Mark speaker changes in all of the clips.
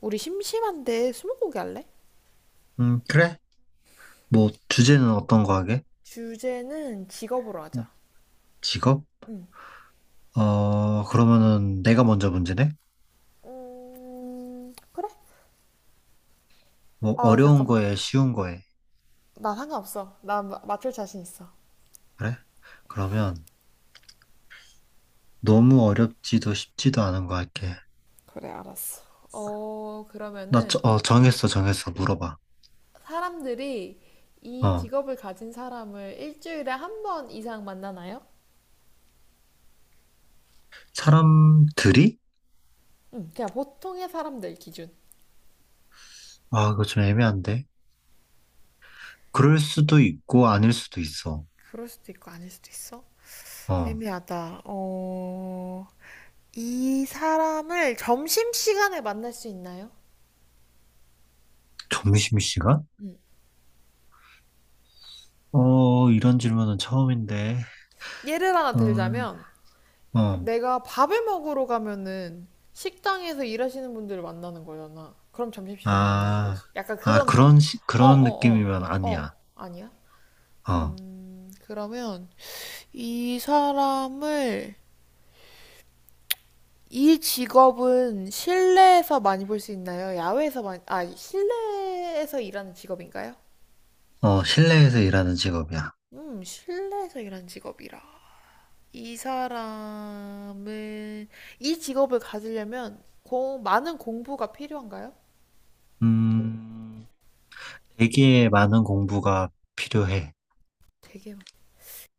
Speaker 1: 우리 심심한데 스무고개 할래?
Speaker 2: 그래? 뭐, 주제는 어떤 거 하게?
Speaker 1: 주제는 직업으로 하자.
Speaker 2: 직업?
Speaker 1: 응.
Speaker 2: 그러면은 내가 먼저 문제네?
Speaker 1: 그래?
Speaker 2: 뭐,
Speaker 1: 아,
Speaker 2: 어려운
Speaker 1: 잠깐만.
Speaker 2: 거에 쉬운 거에.
Speaker 1: 나 상관없어. 맞출 자신 있어.
Speaker 2: 그래? 그러면 너무 어렵지도 쉽지도 않은 거 할게.
Speaker 1: 그래, 알았어. 어,
Speaker 2: 나,
Speaker 1: 그러면은
Speaker 2: 정했어, 정했어. 물어봐.
Speaker 1: 사람들이 이
Speaker 2: 어,
Speaker 1: 직업을 가진 사람을 일주일에 한 번 이상 만나나요?
Speaker 2: 사람들이?
Speaker 1: 응, 그냥 보통의 사람들 기준.
Speaker 2: 아, 이거 좀 애매한데. 그럴 수도 있고, 아닐 수도 있어.
Speaker 1: 그럴 수도 있고 아닐 수도 있어.
Speaker 2: 어,
Speaker 1: 애매하다. 어, 이 사람을 점심시간에 만날 수 있나요?
Speaker 2: 점심시간?
Speaker 1: 응.
Speaker 2: 어, 이런 질문은 처음인데.
Speaker 1: 예를 하나
Speaker 2: 음,
Speaker 1: 들자면,
Speaker 2: 어,
Speaker 1: 내가 밥을 먹으러 가면은 식당에서 일하시는 분들을 만나는 거잖아. 그럼 점심시간에 만나는
Speaker 2: 아,
Speaker 1: 거지. 약간
Speaker 2: 아,
Speaker 1: 그런 거.
Speaker 2: 그런,
Speaker 1: 어,
Speaker 2: 그런
Speaker 1: 어, 어.
Speaker 2: 느낌이면 아니야.
Speaker 1: 어, 아니야?
Speaker 2: 어.
Speaker 1: 그러면 이 사람을 이 직업은 실내에서 많이 볼 수 있나요? 야외에서 많이, 아, 실내에서 일하는 직업인가요?
Speaker 2: 실내에서 일하는 직업이야.
Speaker 1: 실내에서 일하는 직업이라. 이 사람은 이 직업을 가지려면 많은 공부가 필요한가요?
Speaker 2: 음, 되게 많은 공부가 필요해.
Speaker 1: 되게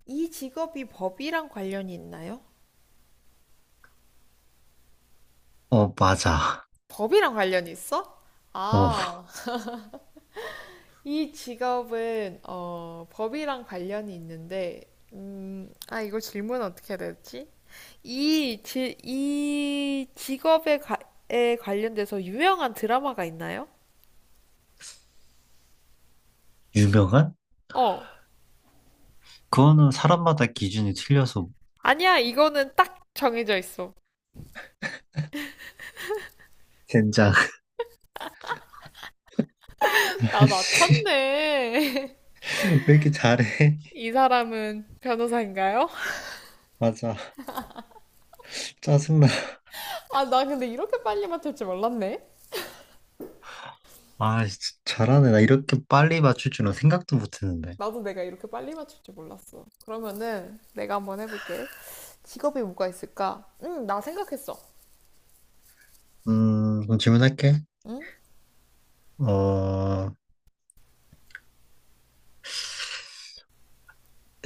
Speaker 1: 이 직업이 법이랑 관련이 있나요?
Speaker 2: 어, 맞아.
Speaker 1: 법이랑 관련이 있어?
Speaker 2: 어,
Speaker 1: 아, 이 직업은 어, 법이랑 관련이 있는데, 아, 이거 질문 어떻게 해야 되지? 이 직업에 에 관련돼서 유명한 드라마가 있나요?
Speaker 2: 유명한?
Speaker 1: 어,
Speaker 2: 그거는 사람마다 기준이 틀려서.
Speaker 1: 아니야, 이거는 딱 정해져 있어.
Speaker 2: 젠장.
Speaker 1: 나
Speaker 2: 씨,
Speaker 1: 맞췄네.
Speaker 2: 왜 이렇게 잘해?
Speaker 1: 이 사람은 변호사인가요?
Speaker 2: 맞아. 짜증나.
Speaker 1: 아, 나 근데 이렇게 빨리 맞출 줄 몰랐네.
Speaker 2: 아, 진짜 잘하네. 나 이렇게 빨리 맞출 줄은 생각도 못 했는데.
Speaker 1: 나도 내가 이렇게 빨리 맞출 줄 몰랐어. 그러면은 내가 한번 해볼게. 직업이 뭐가 있을까? 응, 나 생각했어.
Speaker 2: 그럼 질문할게.
Speaker 1: 응?
Speaker 2: 어,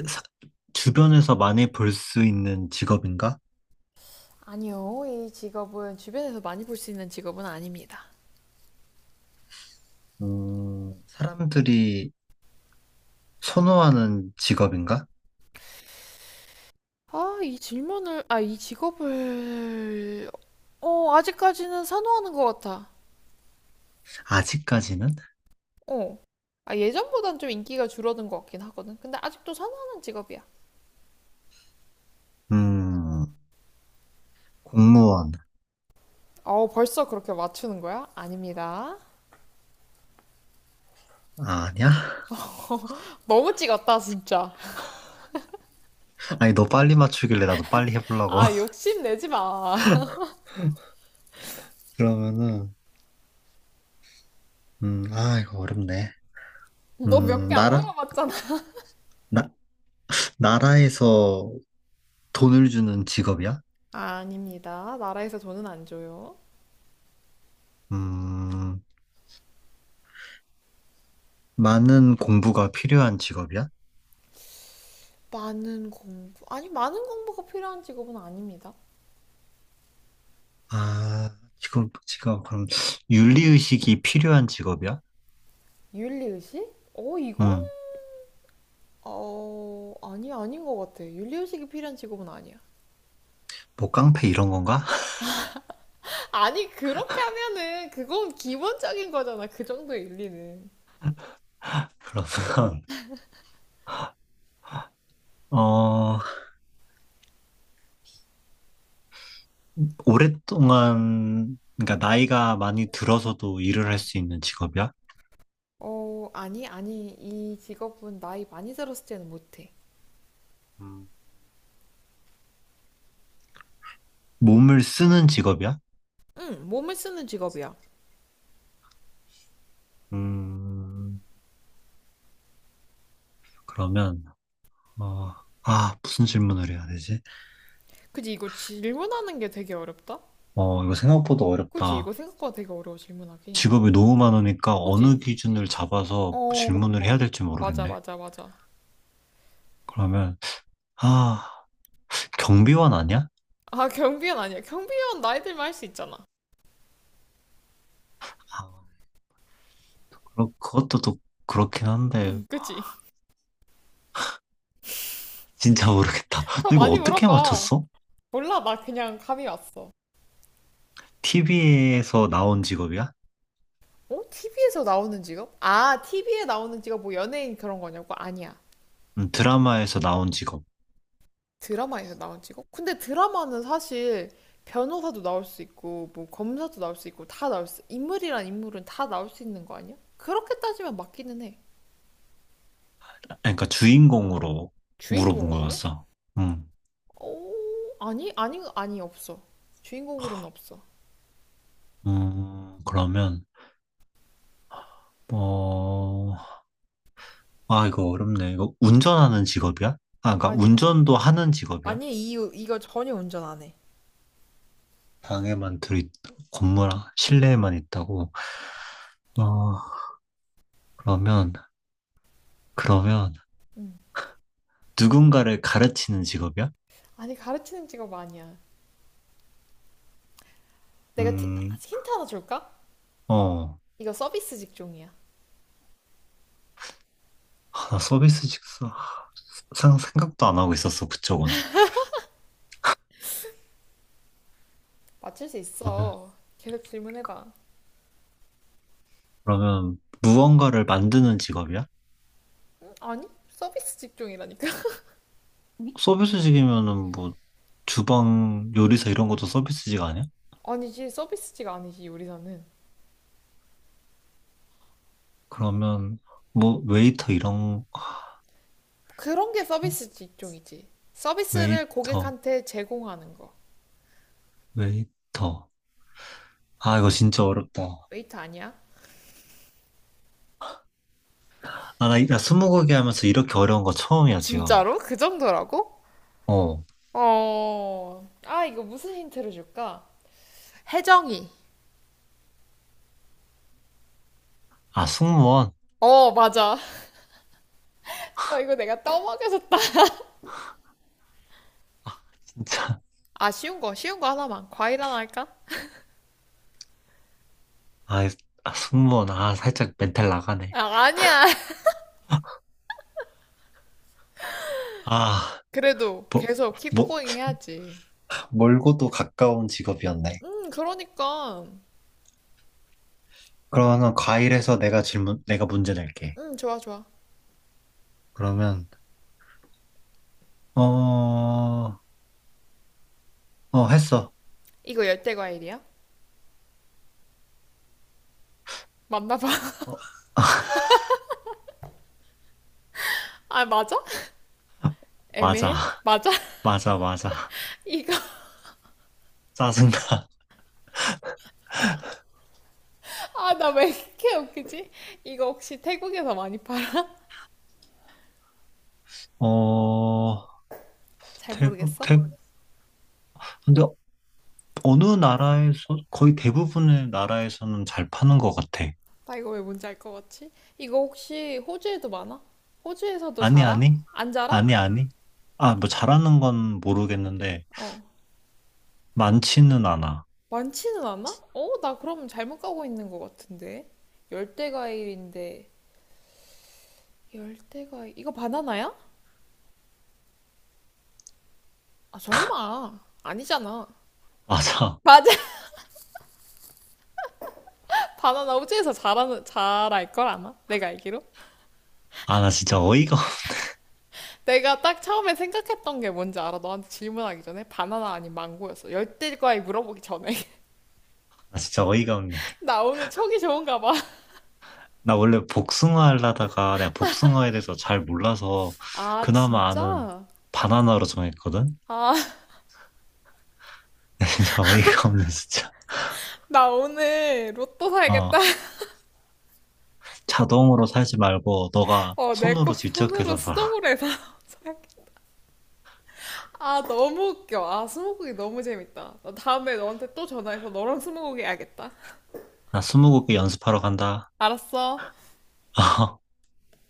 Speaker 2: 사- 주변에서 많이 볼 수 있는 직업인가?
Speaker 1: 아니요, 이 직업은 주변에서 많이 볼 수 있는 직업은 아닙니다.
Speaker 2: 사람들이 선호하는 직업인가?
Speaker 1: 아, 이 질문을, 아, 이 직업을, 어, 아직까지는 선호하는 것 같아.
Speaker 2: 아직까지는?
Speaker 1: 어. 아, 예전보단 좀 인기가 줄어든 것 같긴 하거든. 근데 아직도 선호하는 직업이야.
Speaker 2: 음, 공무원.
Speaker 1: 어, 벌써 그렇게 맞추는 거야? 아닙니다.
Speaker 2: 아, 니야.
Speaker 1: 너무 찍었다, 진짜.
Speaker 2: 아니, 너 빨리 맞추길래 나도 빨리 해보려고.
Speaker 1: 아, 욕심내지 마.
Speaker 2: 그러면은, 아, 이거 어렵네.
Speaker 1: 너 몇
Speaker 2: 음,
Speaker 1: 개 안
Speaker 2: 나라,
Speaker 1: 물어봤잖아.
Speaker 2: 나, 나라에서 돈을 주는 직업이야?
Speaker 1: 아닙니다. 나라에서 돈은 안 줘요.
Speaker 2: 음, 많은 공부가 필요한 직업이야?
Speaker 1: 많은 공부. 아니, 많은 공부가 필요한 직업은 아닙니다.
Speaker 2: 그럼, 윤리의식이 필요한 직업이야?
Speaker 1: 윤리의식? 어, 이거는,
Speaker 2: 음,
Speaker 1: 어, 아니, 아닌 것 같아. 윤리의식이 필요한 직업은 아니야.
Speaker 2: 뭐, 깡패 이런 건가?
Speaker 1: 아니, 그렇게 하면은, 그건 기본적인 거잖아. 그 정도의 윤리는.
Speaker 2: 그러면, 어, 오랫동안, 그러니까 나이가 많이 들어서도 일을 할 수 있는 직업이야?
Speaker 1: 어, 아니, 아니. 이 직업은 나이 많이 들었을 때는 못해.
Speaker 2: 음, 몸을 쓰는 직업이야?
Speaker 1: 응, 몸을 쓰는 직업이야.
Speaker 2: 음, 그러면, 어, 아, 무슨 질문을 해야 되지?
Speaker 1: 그지, 이거 질문하는 게 되게 어렵다?
Speaker 2: 이거 생각보다
Speaker 1: 그지, 이거
Speaker 2: 어렵다.
Speaker 1: 생각보다 되게 어려워, 질문하기.
Speaker 2: 직업이 너무 많으니까 어느
Speaker 1: 그지,
Speaker 2: 기준을 잡아서
Speaker 1: 어,
Speaker 2: 질문을 해야 될지
Speaker 1: 맞아,
Speaker 2: 모르겠네.
Speaker 1: 맞아, 맞아.
Speaker 2: 그러면, 아, 경비원 아니야?
Speaker 1: 아, 경비원 아니야. 경비원 나이들만 할 수 있잖아.
Speaker 2: 아, 그것도 또 그렇긴 한데,
Speaker 1: 그치?
Speaker 2: 진짜 모르겠다.
Speaker 1: 더
Speaker 2: 너 이거
Speaker 1: 많이
Speaker 2: 어떻게
Speaker 1: 물어봐.
Speaker 2: 맞췄어?
Speaker 1: 몰라, 나 그냥 감이 왔어.
Speaker 2: TV에서 나온 직업이야?
Speaker 1: 어? TV에서 나오는 직업? 아, TV에 나오는 직업 뭐 연예인 그런 거냐고? 아니야.
Speaker 2: 드라마에서 나온 직업.
Speaker 1: 드라마에서 나온 직업? 근데 드라마는 사실 변호사도 나올 수 있고, 뭐 검사도 나올 수 있고, 다 나올 수, 인물이란 인물은 다 나올 수 있는 거 아니야? 그렇게 따지면 맞기는 해.
Speaker 2: 아, 그러니까 주인공으로 물어본
Speaker 1: 주인공으로?
Speaker 2: 거였어. 음,
Speaker 1: 어, 아니, 아니, 아니, 없어. 주인공으로는 없어.
Speaker 2: 음, 그러면, 어, 아, 이거 어렵네. 이거 운전하는 직업이야? 아, 그러니까
Speaker 1: 아니,
Speaker 2: 운전도 하는 직업이야?
Speaker 1: 아니, 이, 이거 전혀 운전 안 해.
Speaker 2: 방에만 들이, 건물, 실내에만 있다고. 어, 그러면, 그러면,
Speaker 1: 음.
Speaker 2: 누군가를 가르치는 직업이야?
Speaker 1: 아니, 가르치는 직업 아니야. 내가 티-
Speaker 2: 음,
Speaker 1: 힌트 하나 줄까?
Speaker 2: 어,
Speaker 1: 이거 서비스 직종이야.
Speaker 2: 아, 나 생각도 안 하고 있었어, 그쪽은.
Speaker 1: 맞출 수
Speaker 2: 그러면,
Speaker 1: 있어. 계속 질문해봐.
Speaker 2: 그러면 무언가를 만드는 직업이야?
Speaker 1: 아니, 서비스 직종이라니까.
Speaker 2: 서비스직이면은 뭐 주방 요리사 이런 것도 서비스직 아니야?
Speaker 1: 아니지, 서비스직 아니지, 요리사는.
Speaker 2: 그러면 뭐 웨이터 이런 거-
Speaker 1: 그런 게 서비스 직종이지. 서비스를
Speaker 2: 웨이터
Speaker 1: 고객한테 제공하는 거.
Speaker 2: 웨이터. 아, 이거 진짜 어렵다.
Speaker 1: 웨이트 아니야?
Speaker 2: 아, 나 스무고개 하면서 이렇게 어려운 거 처음이야 지금.
Speaker 1: 진짜로? 그 정도라고?
Speaker 2: 어.
Speaker 1: 어, 아, 이거 무슨 힌트를 줄까? 혜정이.
Speaker 2: 아, 승무원
Speaker 1: 어, 맞아. 아, 이거 내가 떠먹여서
Speaker 2: 진짜.
Speaker 1: 아, 쉬운 거, 쉬운 거 하나만. 과일 하나 할까?
Speaker 2: 아, 이- 아, 승무원 아, 살짝 멘탈 나가네.
Speaker 1: 아, 아니야.
Speaker 2: 아,
Speaker 1: 그래도
Speaker 2: 뭐,
Speaker 1: 계속
Speaker 2: 뭐,
Speaker 1: 킵고잉 해야지.
Speaker 2: 멀고도 가까운 직업이었네.
Speaker 1: 그러니까.
Speaker 2: 그러면 과일에서 내가 문제 낼게.
Speaker 1: 좋아, 좋아.
Speaker 2: 그러면 어 어, 했어.
Speaker 1: 이거 열대 과일이야? 맞나 봐. 아, 맞아?
Speaker 2: 맞아.
Speaker 1: 애매해? 맞아?
Speaker 2: 맞아.
Speaker 1: 이거,
Speaker 2: 짜증나.
Speaker 1: 아, 나 왜 이렇게 웃기지? 이거 혹시 태국에서 많이 팔아?
Speaker 2: 어,
Speaker 1: 잘
Speaker 2: 대부,
Speaker 1: 모르겠어?
Speaker 2: 대, 근데 어느 나라에서, 거의 대부분의 나라에서는 잘 파는 것 같아.
Speaker 1: 나 이거 왜 뭔지 알 것 같지? 이거 혹시 호주에도 많아? 호주에서도
Speaker 2: 아니,
Speaker 1: 자라?
Speaker 2: 아니?
Speaker 1: 안 자라?
Speaker 2: 아니. 아, 뭐 잘하는 건 모르겠는데,
Speaker 1: 어.
Speaker 2: 많지는 않아.
Speaker 1: 많지는 않아? 어, 나 그럼 잘못 가고 있는 것 같은데. 열대 과일인데 열대과 이거 바나나야? 아 설마 아니잖아.
Speaker 2: 맞아.
Speaker 1: 맞아. 바나나 우주에서 잘하는 잘알 걸 아나? 내가 알기로.
Speaker 2: 아, 나 진짜 어이가,
Speaker 1: 내가 딱 처음에 생각했던 게 뭔지 알아. 너한테 질문하기 전에 바나나 아닌 망고였어. 열대과에 물어보기 전에.
Speaker 2: 나 진짜 어이가 없네.
Speaker 1: 나 오늘 촉이 좋은가 봐.
Speaker 2: 나 원래 복숭아 하려다가 내가 복숭아에 대해서 잘 몰라서
Speaker 1: 아
Speaker 2: 그나마 아는
Speaker 1: 진짜?
Speaker 2: 바나나로 정했거든?
Speaker 1: 아
Speaker 2: 진짜 어이가 없네, 진짜.
Speaker 1: 나 오늘 로또 사야겠다.
Speaker 2: 어. 자동으로 살지 말고 너가
Speaker 1: 어 내
Speaker 2: 손으로
Speaker 1: 꼭
Speaker 2: 직접
Speaker 1: 손으로
Speaker 2: 해서
Speaker 1: 수동
Speaker 2: 사.
Speaker 1: 으 로 해서 사야겠다. 아 너무 웃겨. 아 스무고기 너무 재밌다. 나 다음에 너한테 또 전화해서 너랑 스무고기 해야겠다.
Speaker 2: 나 스무고개 연습하러 간다.
Speaker 1: 알았어.